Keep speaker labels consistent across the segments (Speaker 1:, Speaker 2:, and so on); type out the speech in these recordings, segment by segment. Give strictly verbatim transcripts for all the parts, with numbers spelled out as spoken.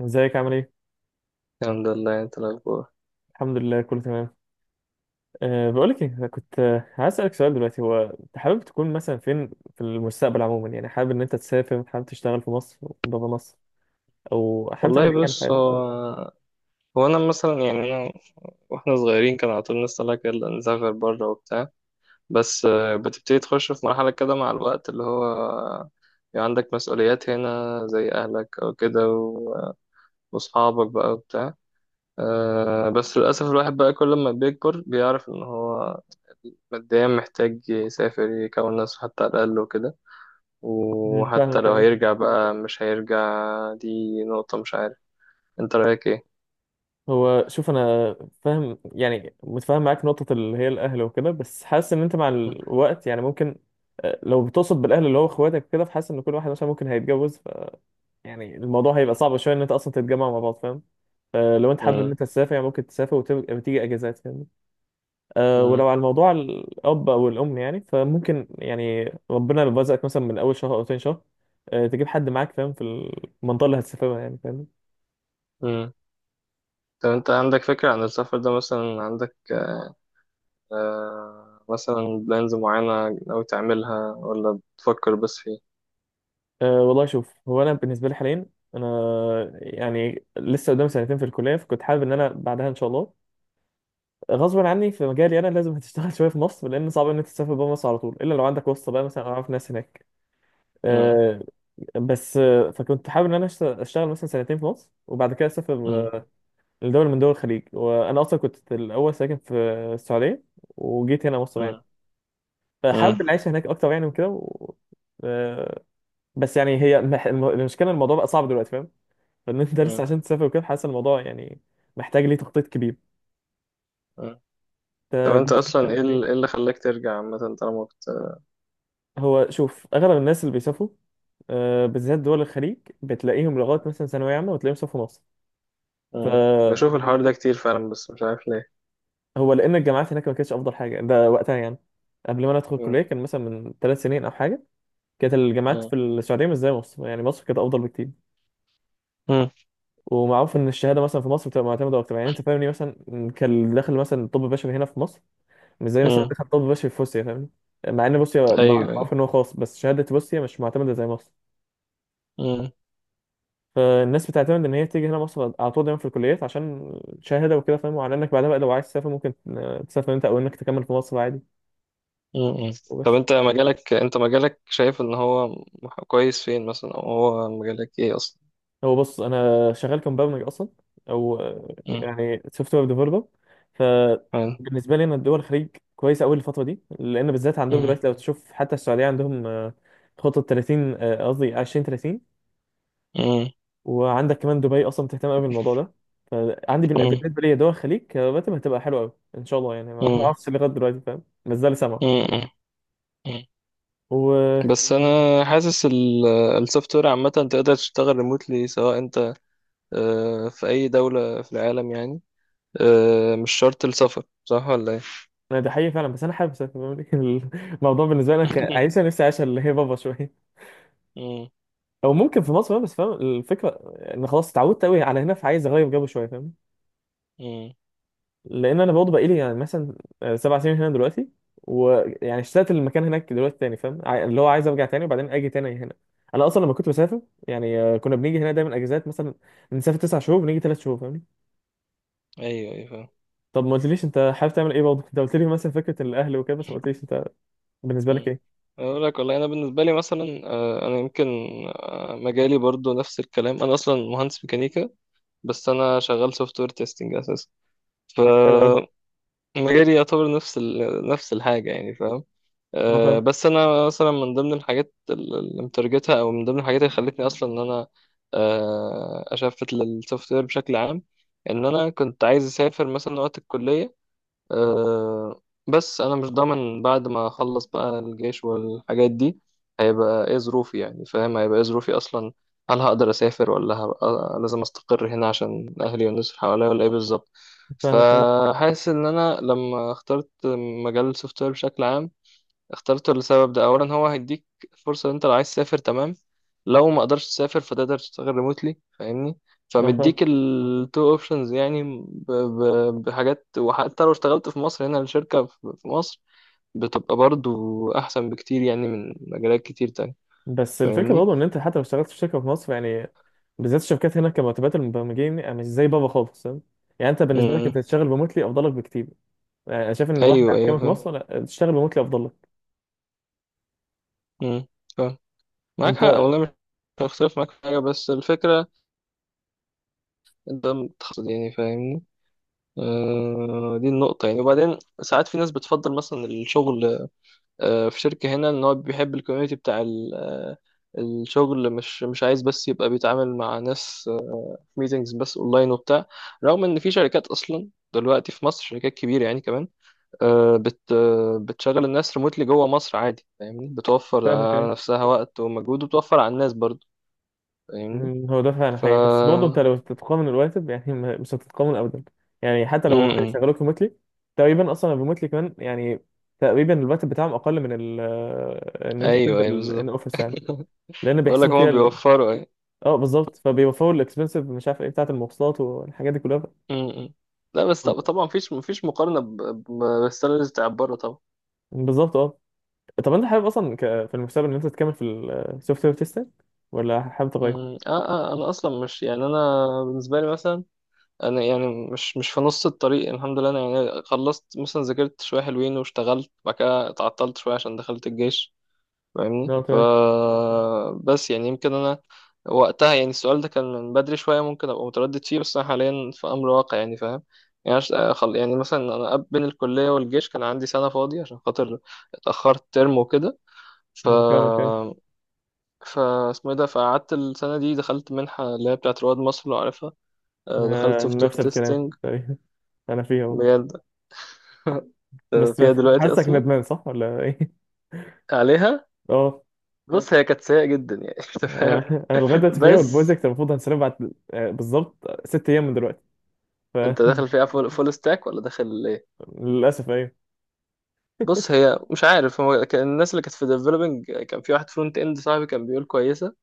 Speaker 1: ازيك عامل ايه؟
Speaker 2: الحمد لله، انت؟ الاخبار؟
Speaker 1: الحمد لله كله تمام. أه بقولك ايه، أنا كنت آه، عايز اسألك سؤال. دلوقتي هو انت حابب تكون مثلا فين في المستقبل عموما؟ يعني حابب ان انت تسافر، حابب تشتغل في مصر؟ بابا مصر. او حابب تعمل
Speaker 2: والله
Speaker 1: ايه يعني في
Speaker 2: بص،
Speaker 1: حياتك؟
Speaker 2: هو هو انا مثلا يعني انا واحنا صغيرين كان على طول نطلع كده نسافر بره وبتاع. بس آه، بتبتدي تخش في مرحله كده مع الوقت اللي هو يعني عندك مسؤوليات هنا زي اهلك او كده و- واصحابك بقى وبتاع. آه، بس للاسف الواحد بقى كل ما بيكبر بيعرف ان هو ماديا محتاج يسافر يكون نفسه حتى على الاقل وكده،
Speaker 1: مم،
Speaker 2: وحتى
Speaker 1: فاهمك.
Speaker 2: لو
Speaker 1: ايه
Speaker 2: هيرجع بقى مش هيرجع. دي نقطه، مش عارف، انت رايك ايه؟
Speaker 1: هو شوف، انا فاهم يعني متفاهم معاك نقطة اللي هي الاهل وكده، بس حاسس ان انت مع الوقت يعني ممكن. آه، لو بتقصد بالاهل اللي هو اخواتك كده، فحاسس ان كل واحد مثلا ممكن هيتجوز. يعني الموضوع هيبقى
Speaker 2: مم.
Speaker 1: صعب شويه ان انت اصلا تتجمع مع بعض، فاهم؟ فلو انت حابب ان انت تسافر، يعني ممكن تسافر وتيجي اجازات، فاهم؟ أه
Speaker 2: مم.
Speaker 1: ولو على الموضوع الاب او الام، يعني فممكن يعني ربنا لو رزقك مثلا من اول شهر او تاني شهر، أه تجيب حد معاك، فاهم؟ في المنطقه اللي هتسافرها يعني، فاهم؟
Speaker 2: مم. طب انت عندك فكرة عن السفر ده؟ مثلا عندك آه مثلا بلانز معينة ناوي تعملها ولا بتفكر بس فيه؟
Speaker 1: أه والله شوف، هو انا بالنسبه لي حاليا، انا يعني لسه قدام سنتين في الكليه، فكنت حابب ان انا بعدها ان شاء الله غصبا عني في مجالي انا لازم هتشتغل شويه في مصر، لان صعب ان انت تسافر بره مصر على طول الا لو عندك واسطه بقى مثلا أو
Speaker 2: مم.
Speaker 1: اعرف ناس هناك.
Speaker 2: مم.
Speaker 1: آه، بس آه، فكنت حابب ان انا أشت- اشتغل مثلا سنتين في مصر وبعد كده اسافر
Speaker 2: مم.
Speaker 1: آه، لدولة من دول الخليج. وانا اصلا كنت الاول ساكن في السعودية وجيت هنا مصر يعني،
Speaker 2: مم. مم.
Speaker 1: فحابب العيشة هناك اكتر يعني وكده و... آه، بس يعني هي مح- الم- المشكلة، الموضوع بقى صعب دلوقتي، فاهم؟ فان انت لسه
Speaker 2: مم.
Speaker 1: عشان تسافر وكده حاسس الموضوع يعني محتاج ليه تخطيط كبير.
Speaker 2: مم. طب
Speaker 1: آه،
Speaker 2: انت اصلا ايه ال- إيه اللي خلاك ترجع عامة، طالما كنت؟
Speaker 1: هو شوف، اغلب الناس اللي بيسافروا آه، بالذات دول الخليج، بتلاقيهم لغايه مثلا ثانويه عامه وتلاقيهم سافروا
Speaker 2: مم.
Speaker 1: مصر.
Speaker 2: بشوف الحوار ده كتير فعلا، بس مش عارف ليه.
Speaker 1: هو لان الجامعات هناك ما كانتش افضل حاجه ده وقتها يعني. قبل ما انا ادخل
Speaker 2: مم.
Speaker 1: الكليه كان مثلا من ثلاث سنين او حاجه. كانت الجامعات
Speaker 2: مم.
Speaker 1: في السعوديه مش زي مصر، يعني مصر كانت افضل بكتير.
Speaker 2: مم.
Speaker 1: ومعروف ان الشهاده مثلا في مصر بتبقى معتمده اكتر، يعني انت فاهمني. مثلا كان اللي داخل مثلا طب بشري هنا في مصر مش زي مثلا
Speaker 2: مم.
Speaker 1: دخل طب بشري في روسيا، فاهمني؟ مع ان روسيا مع-
Speaker 2: ايوه ايوه.
Speaker 1: معروف ان هو خاص، بس شهاده روسيا مش معتمده زي مصر.
Speaker 2: مم.
Speaker 1: فالناس بتعتمد ان هي تيجي هنا مصر على طول دايما في الكليات عشان شهاده وكده، فاهم؟ وعلى انك بعدها بقى لو عايز تسافر ممكن تسافر انت، او انك تكمل في مصر عادي.
Speaker 2: مم. طب
Speaker 1: وبس.
Speaker 2: انت مجالك، انت مجالك شايف ان هو كويس فين مثلا؟ او هو مجالك ايه اصلا؟
Speaker 1: هو بص، انا شغال كمبرمج اصلا، او آه،
Speaker 2: مم.
Speaker 1: يعني سوفت وير ديفلوبر.
Speaker 2: حلو.
Speaker 1: فبالنسبه لي انا الدول الخليج كويسه قوي الفتره دي، لان بالذات عندهم
Speaker 2: مم.
Speaker 1: دلوقتي لو تشوف حتى السعوديه عندهم آه، خطه ثلاثين، آه، قصدي عشرين ثلاثين.
Speaker 2: مم.
Speaker 1: وعندك كمان دبي اصلا بتهتم قوي بالموضوع ده. فعندي بن-
Speaker 2: مم.
Speaker 1: بالنسبه لي دول الخليج كراتب هتبقى حلوه قوي ان شاء الله يعني. ما ما
Speaker 2: مم.
Speaker 1: اعرفش لغايه دلوقتي، فاهم؟ ما زال سامع
Speaker 2: مم. مم.
Speaker 1: وانا.
Speaker 2: بس انا حاسس ال- السوفت وير عامه تقدر تشتغل ريموتلي، سواء انت آه، في اي دوله في العالم يعني. آه، مش شرط السفر، صح ولا ايه؟
Speaker 1: ده حقيقي فعلا بس انا حابب اسافر. الموضوع بالنسبه لي انا كعيشه نفسي، عايشه اللي هي بابا شويه
Speaker 2: مم.
Speaker 1: او ممكن في مصر بقى، بس فاهم الفكره. ان خلاص اتعودت قوي على هنا فعايز اغير جو شويه، فاهم؟
Speaker 2: مم.
Speaker 1: لان انا برضه بقالي يعني مثلا سبع سنين هنا دلوقتي. ويعني اشتقت للمكان هناك دلوقتي تاني، فاهم؟ عاي- اللي هو عايز ارجع تاني وبعدين اجي تاني هنا. انا اصلا لما كنت بسافر يعني آه، كنا بنيجي هنا دايما اجازات. مثلا بنسافر تسع شهور بنيجي ثلاث شهور، فاهمني؟
Speaker 2: ايوه ايوه فاهم.
Speaker 1: طب ما قلتليش انت حابب تعمل ايه برضه. انت قلت لي مثلا فكره الاهل وكده، بس ما قلتليش انت بالنسبه لك
Speaker 2: مم.
Speaker 1: ايه.
Speaker 2: اقول لك والله، انا بالنسبه لي مثلا آه، انا يمكن آه، مجالي برضو نفس الكلام، انا اصلا مهندس ميكانيكا بس انا شغال سوفت وير تيستنج اساسا. ف
Speaker 1: حلو قوي.
Speaker 2: مجالي يعتبر نفس ال... نفس الحاجة يعني فاهم.
Speaker 1: انا
Speaker 2: أه
Speaker 1: فاهم.
Speaker 2: بس أنا مثلا من ضمن الحاجات ال- اللي مترجتها، أو من ضمن الحاجات اللي خلتني أصلا إن أنا أه أشفت للسوفت وير بشكل عام، إن أنا كنت عايز أسافر مثلا وقت الكلية. أه بس انا مش ضامن بعد ما اخلص بقى الجيش والحاجات دي هيبقى ايه ظروفي يعني، فاهم؟ هيبقى ايه ظروفي اصلا؟ هل هقدر اسافر ولا هبقى لازم استقر هنا عشان اهلي والناس اللي حواليا، ولا ايه بالظبط؟
Speaker 1: فاهمك، ماشي.
Speaker 2: فحاسس ان انا لما اخترت مجال السوفت وير بشكل عام اخترته لسبب ده، اولا هو هيديك فرصه ان انت لو عايز تسافر، تمام. لو ما قدرتش تسافر فتقدر تشتغل ريموتلي فاهمني.
Speaker 1: انا فاهم
Speaker 2: فمديك التو اوبشنز يعني ب... ب... بحاجات. وحتى لو اشتغلت في مصر هنا، الشركه في في مصر بتبقى برضو احسن بكتير يعني من مجالات كتير تانية،
Speaker 1: بس الفكره
Speaker 2: فاهمني.
Speaker 1: برضه ان انت حتى لو اشتغلت في شركه في مصر يعني، بالذات الشركات هنا كمرتبات المبرمجين آه، مش زي بابا خالص، فاهم؟ يعني انت بالنسبه لك انت
Speaker 2: امم.
Speaker 1: تشتغل ريموتلي افضل لك بكتير. يعني انا شايف ان الواحد
Speaker 2: ايوه
Speaker 1: على
Speaker 2: ايوه
Speaker 1: كامل في
Speaker 2: فاهم.
Speaker 1: مصر، لا، تشتغل ريموتلي افضل لك.
Speaker 2: امم. فاهم. معاك
Speaker 1: انت
Speaker 2: حق والله، مش هختلف معاك في حاجه، بس الفكره ده متخصص يعني فاهمني. آه، دي النقطة يعني. وبعدين ساعات في ناس بتفضل مثلا الشغل آه، في شركة هنا، ان هو بيحب الكوميونتي بتاع ال- آه، الشغل، مش مش عايز بس يبقى بيتعامل مع ناس آه، في ميتنجز بس اونلاين وبتاع. رغم ان في شركات اصلا دلوقتي في مصر، شركات كبيرة يعني كمان، آه، بت آه، بتشغل الناس ريموتلي جوه مصر عادي فاهمني، بتوفر
Speaker 1: فاهمك.
Speaker 2: على
Speaker 1: ايه
Speaker 2: نفسها وقت ومجهود، وبتوفر على الناس برضه، فاهمني.
Speaker 1: مم، هو ده فعلا
Speaker 2: ف
Speaker 1: حقيقي، بس برضه انت لو تتقامن الراتب يعني ما- مش هتتقامن ابدا. يعني حتى
Speaker 2: م-
Speaker 1: لو هو
Speaker 2: م.
Speaker 1: هيشغلوك ريموتلي، تقريبا اصلا الريموتلي كمان يعني تقريبا الراتب بتاعهم اقل من ال آه، ان انت
Speaker 2: ايوه ايوه
Speaker 1: تنزل ان
Speaker 2: بالظبط.
Speaker 1: اوفيس يعني، لان
Speaker 2: بقول لك
Speaker 1: بيحسبوا
Speaker 2: هما
Speaker 1: فيها.
Speaker 2: بيوفروا، أيوه.
Speaker 1: اه بالظبط، فبيوفروا الاكسبنسيف، مش عارف ايه، بتاعة المواصلات والحاجات دي كلها.
Speaker 2: امم. لا بس طب- طبعا مفيش مفيش مقارنة ب- ب- بالسالاريز بتاع بره طبعا.
Speaker 1: بالظبط اه. طب انت حابب اصلا ك... في المستقبل ان انت تكمل في السوفت وير تيستنج، ولا حابب تغير؟
Speaker 2: امم. اه اه، انا اصلا مش يعني، انا بالنسبة لي مثلا انا يعني مش مش في نص الطريق، الحمد لله، انا يعني خلصت مثلا، ذاكرت شوية حلوين، واشتغلت بعد كده، اتعطلت شوية عشان دخلت الجيش فاهمني.
Speaker 1: لا
Speaker 2: ف
Speaker 1: تمام.
Speaker 2: بس يعني يمكن انا وقتها يعني السؤال ده كان من بدري شويه، ممكن ابقى متردد فيه، بس انا حاليا في امر واقع يعني فاهم. يعني عش- خل- يعني مثلا انا قبل- بين الكليه والجيش كان عندي سنه فاضيه عشان خاطر اتاخرت ترم وكده. ف
Speaker 1: فاهمك ايه.
Speaker 2: ف اسمه إيه ده، فقعدت السنه دي دخلت منحه اللي هي بتاعت رواد مصر لو عارفها. آه، دخلت
Speaker 1: آه،
Speaker 2: سوفت
Speaker 1: نفس
Speaker 2: وير
Speaker 1: الكلام
Speaker 2: تيستنج.
Speaker 1: تقريباً. انا فيها اهو،
Speaker 2: بجد.
Speaker 1: بس
Speaker 2: فيها دلوقتي
Speaker 1: حاسك
Speaker 2: اصلا؟
Speaker 1: ندمان صح ولا ايه؟
Speaker 2: عليها.
Speaker 1: اه.
Speaker 2: بص، هي كانت سيئه جدا يعني. انت فاهم.
Speaker 1: انا انا لغايه
Speaker 2: مم.
Speaker 1: دلوقتي فيها،
Speaker 2: بس
Speaker 1: والبروجكت المفروض هنسلمه بعد آه، بالظبط ست ايام من دلوقتي. ف.
Speaker 2: انت داخل فيها فول، فول ستاك ولا داخل ايه؟
Speaker 1: للاسف ايوه.
Speaker 2: بص، هي مش عارف، هو كان الناس اللي كانت في ديفلوبينج، كان في واحد فرونت اند صاحبي كان بيقول كويسه.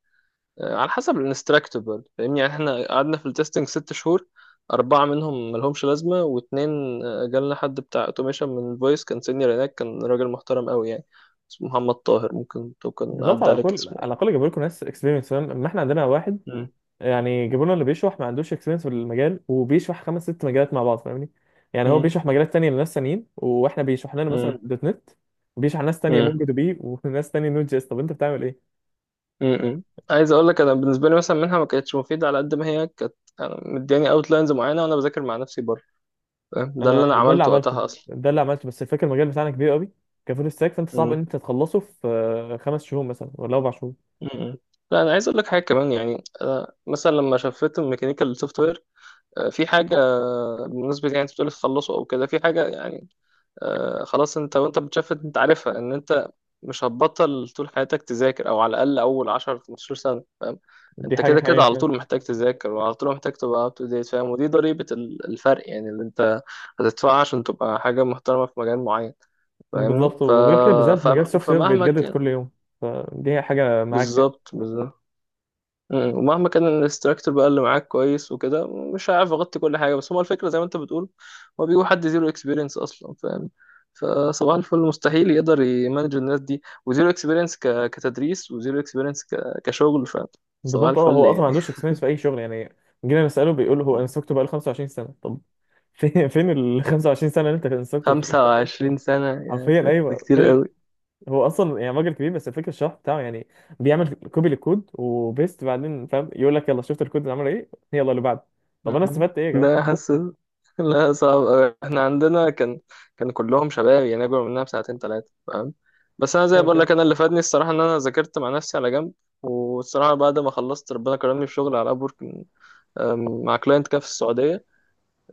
Speaker 2: آه، على حسب الانستراكتور برضه فاهمني. يعني احنا قعدنا في التستنج ست شهور، أربعة منهم ملهمش لازمة، واتنين آه، جالنا حد بتاع اوتوميشن من الفويس، كان سينيور هناك، كان راجل محترم قوي يعني، اسمه محمد طاهر، ممكن تكون
Speaker 1: بالظبط،
Speaker 2: عدى
Speaker 1: على
Speaker 2: عليك
Speaker 1: الاقل
Speaker 2: اسمه يعني.
Speaker 1: على الاقل جابوا لكم ناس اكسبيرينس، فاهم؟ اما احنا عندنا واحد
Speaker 2: مم.
Speaker 1: يعني جبرونا اللي بيشرح ما عندوش اكسبيرينس في المجال، وبيشرح خمس ست مجالات مع بعض، فاهمني؟ يعني هو بيشرح مجالات تانية لناس تانيين، واحنا بيشرح لنا مثلا
Speaker 2: مم.
Speaker 1: دوت نت، وبيشرح ناس تانية
Speaker 2: مم.
Speaker 1: مونجو دي بي، وناس تانية نوت جي اس. طب انت بتعمل ايه؟
Speaker 2: م-م. عايز اقول لك، انا بالنسبه لي مثلا منها ما كانتش مفيده على قد ما هي كانت. أنا مدياني اوتلاينز معينه وانا بذاكر مع نفسي بره فاهم؟ ده
Speaker 1: انا
Speaker 2: اللي انا
Speaker 1: ده اللي
Speaker 2: عملته
Speaker 1: عملته،
Speaker 2: وقتها اصلا.
Speaker 1: ده اللي عملته، بس الفكره المجال بتاعنا كبير قوي كفول ستاك، فانت صعب
Speaker 2: م-م.
Speaker 1: ان انت تخلصه في آه، خمس شهور مثلا ولا اربع شهور.
Speaker 2: م-م. لا، انا عايز اقول لك حاجه كمان يعني، أنا مثلا لما شفت الميكانيكال سوفت وير في حاجه بالنسبه، يعني انت بتقول تخلصه او كده، في حاجه يعني آه، خلاص انت وانت بتشفت انت عارفها ان انت مش هتبطل طول حياتك تذاكر، او على الاقل اول عشر خمس عشرة سنه فاهم.
Speaker 1: دي
Speaker 2: انت
Speaker 1: حاجه
Speaker 2: كده كده
Speaker 1: حقيقيه
Speaker 2: على
Speaker 1: فعلا.
Speaker 2: طول محتاج تذاكر، وعلى طول محتاج تبقى اب تو ديت فاهم، ودي ضريبه ال- الفرق يعني اللي انت هتدفعها عشان تبقى حاجه محترمه في مجال معين فاهمني.
Speaker 1: بالظبط،
Speaker 2: ف...
Speaker 1: وغير كده بالذات
Speaker 2: ف...
Speaker 1: مجال السوفت وير
Speaker 2: فمهما
Speaker 1: بيتجدد
Speaker 2: كان.
Speaker 1: كل يوم، فدي حاجه معاك يعني.
Speaker 2: بالظبط بالظبط. مم. ومهما كان الانستراكتور بقى اللي معاك كويس وكده، مش هعرف اغطي كل حاجه، بس هو الفكره زي ما انت بتقول، هو بيجيبوا حد زيرو اكسبيرينس اصلا فاهم. فصباح الفل مستحيل يقدر يمانج الناس دي وزيرو اكسبيرينس كتدريس، وزيرو اكسبيرينس كشغل فاهم. صباح
Speaker 1: بالظبط اه.
Speaker 2: الفل
Speaker 1: هو اصلا ما
Speaker 2: يعني.
Speaker 1: عندوش اكسبيرينس في اي شغل يعني. جينا نساله بيقول هو
Speaker 2: مم.
Speaker 1: انستراكتور بقاله خمسة وعشرين سنه، طب فين فين ال الخمسة والعشرين سنه اللي انت انستراكتور فيه؟
Speaker 2: خمسة وعشرين سنه، يا
Speaker 1: حرفيا
Speaker 2: ساتر، ده
Speaker 1: ايوه،
Speaker 2: كتير
Speaker 1: فين ال-.
Speaker 2: قوي.
Speaker 1: هو اصلا يعني راجل كبير، بس الفكره الشرح بتاعه يعني، بيعمل كوبي للكود وبيست بعدين، فاهم؟ يقول لك يلا شفت الكود اللي عمل ايه، يلا اللي بعده، طب انا
Speaker 2: مم.
Speaker 1: استفدت ايه يا جماعه؟
Speaker 2: ده حاسس. لا صعب أوي. احنا عندنا كان كان كلهم شباب يعني، اكبر مننا بساعتين ثلاثه فاهم. بس انا زي
Speaker 1: فاهمك
Speaker 2: بقول لك،
Speaker 1: ايه
Speaker 2: انا اللي فادني الصراحه ان انا ذاكرت مع نفسي على جنب. والصراحه بعد ما خلصت ربنا كرمني في شغل على ابورك، مع كلاينت كده في السعوديه.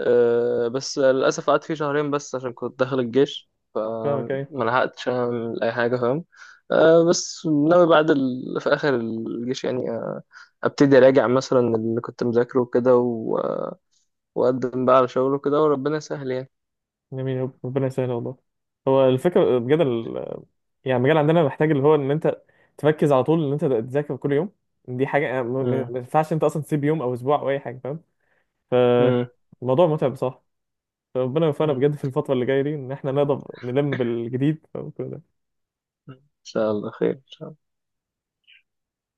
Speaker 2: أه، بس للاسف قعدت فيه شهرين بس عشان كنت داخل الجيش،
Speaker 1: فاهمك
Speaker 2: فما
Speaker 1: ايه
Speaker 2: لحقتش اعمل اي حاجه فاهم. أه، بس ناوي بعد ال... في اخر الجيش يعني أه، ابتدي اراجع مثلا اللي كنت مذاكره وكده، وقدم بقى على شغله كده، وربنا يسهل يعني.
Speaker 1: جميل، رب- ربنا يسهل والله. هو الفكره بجد ال-، يعني المجال عندنا محتاج اللي هو ان انت تركز على طول ان انت تذاكر كل يوم. دي حاجه ما ما-
Speaker 2: مم.
Speaker 1: ما ينفعش انت اصلا تسيب يوم او اسبوع او اي حاجه، فاهم؟
Speaker 2: مم.
Speaker 1: فالموضوع متعب بصراحه. فربنا يوفقنا
Speaker 2: مم.
Speaker 1: بجد في الفترة اللي جاية دي إن إحنا نقدر نلم بالجديد.
Speaker 2: إن شاء الله خير.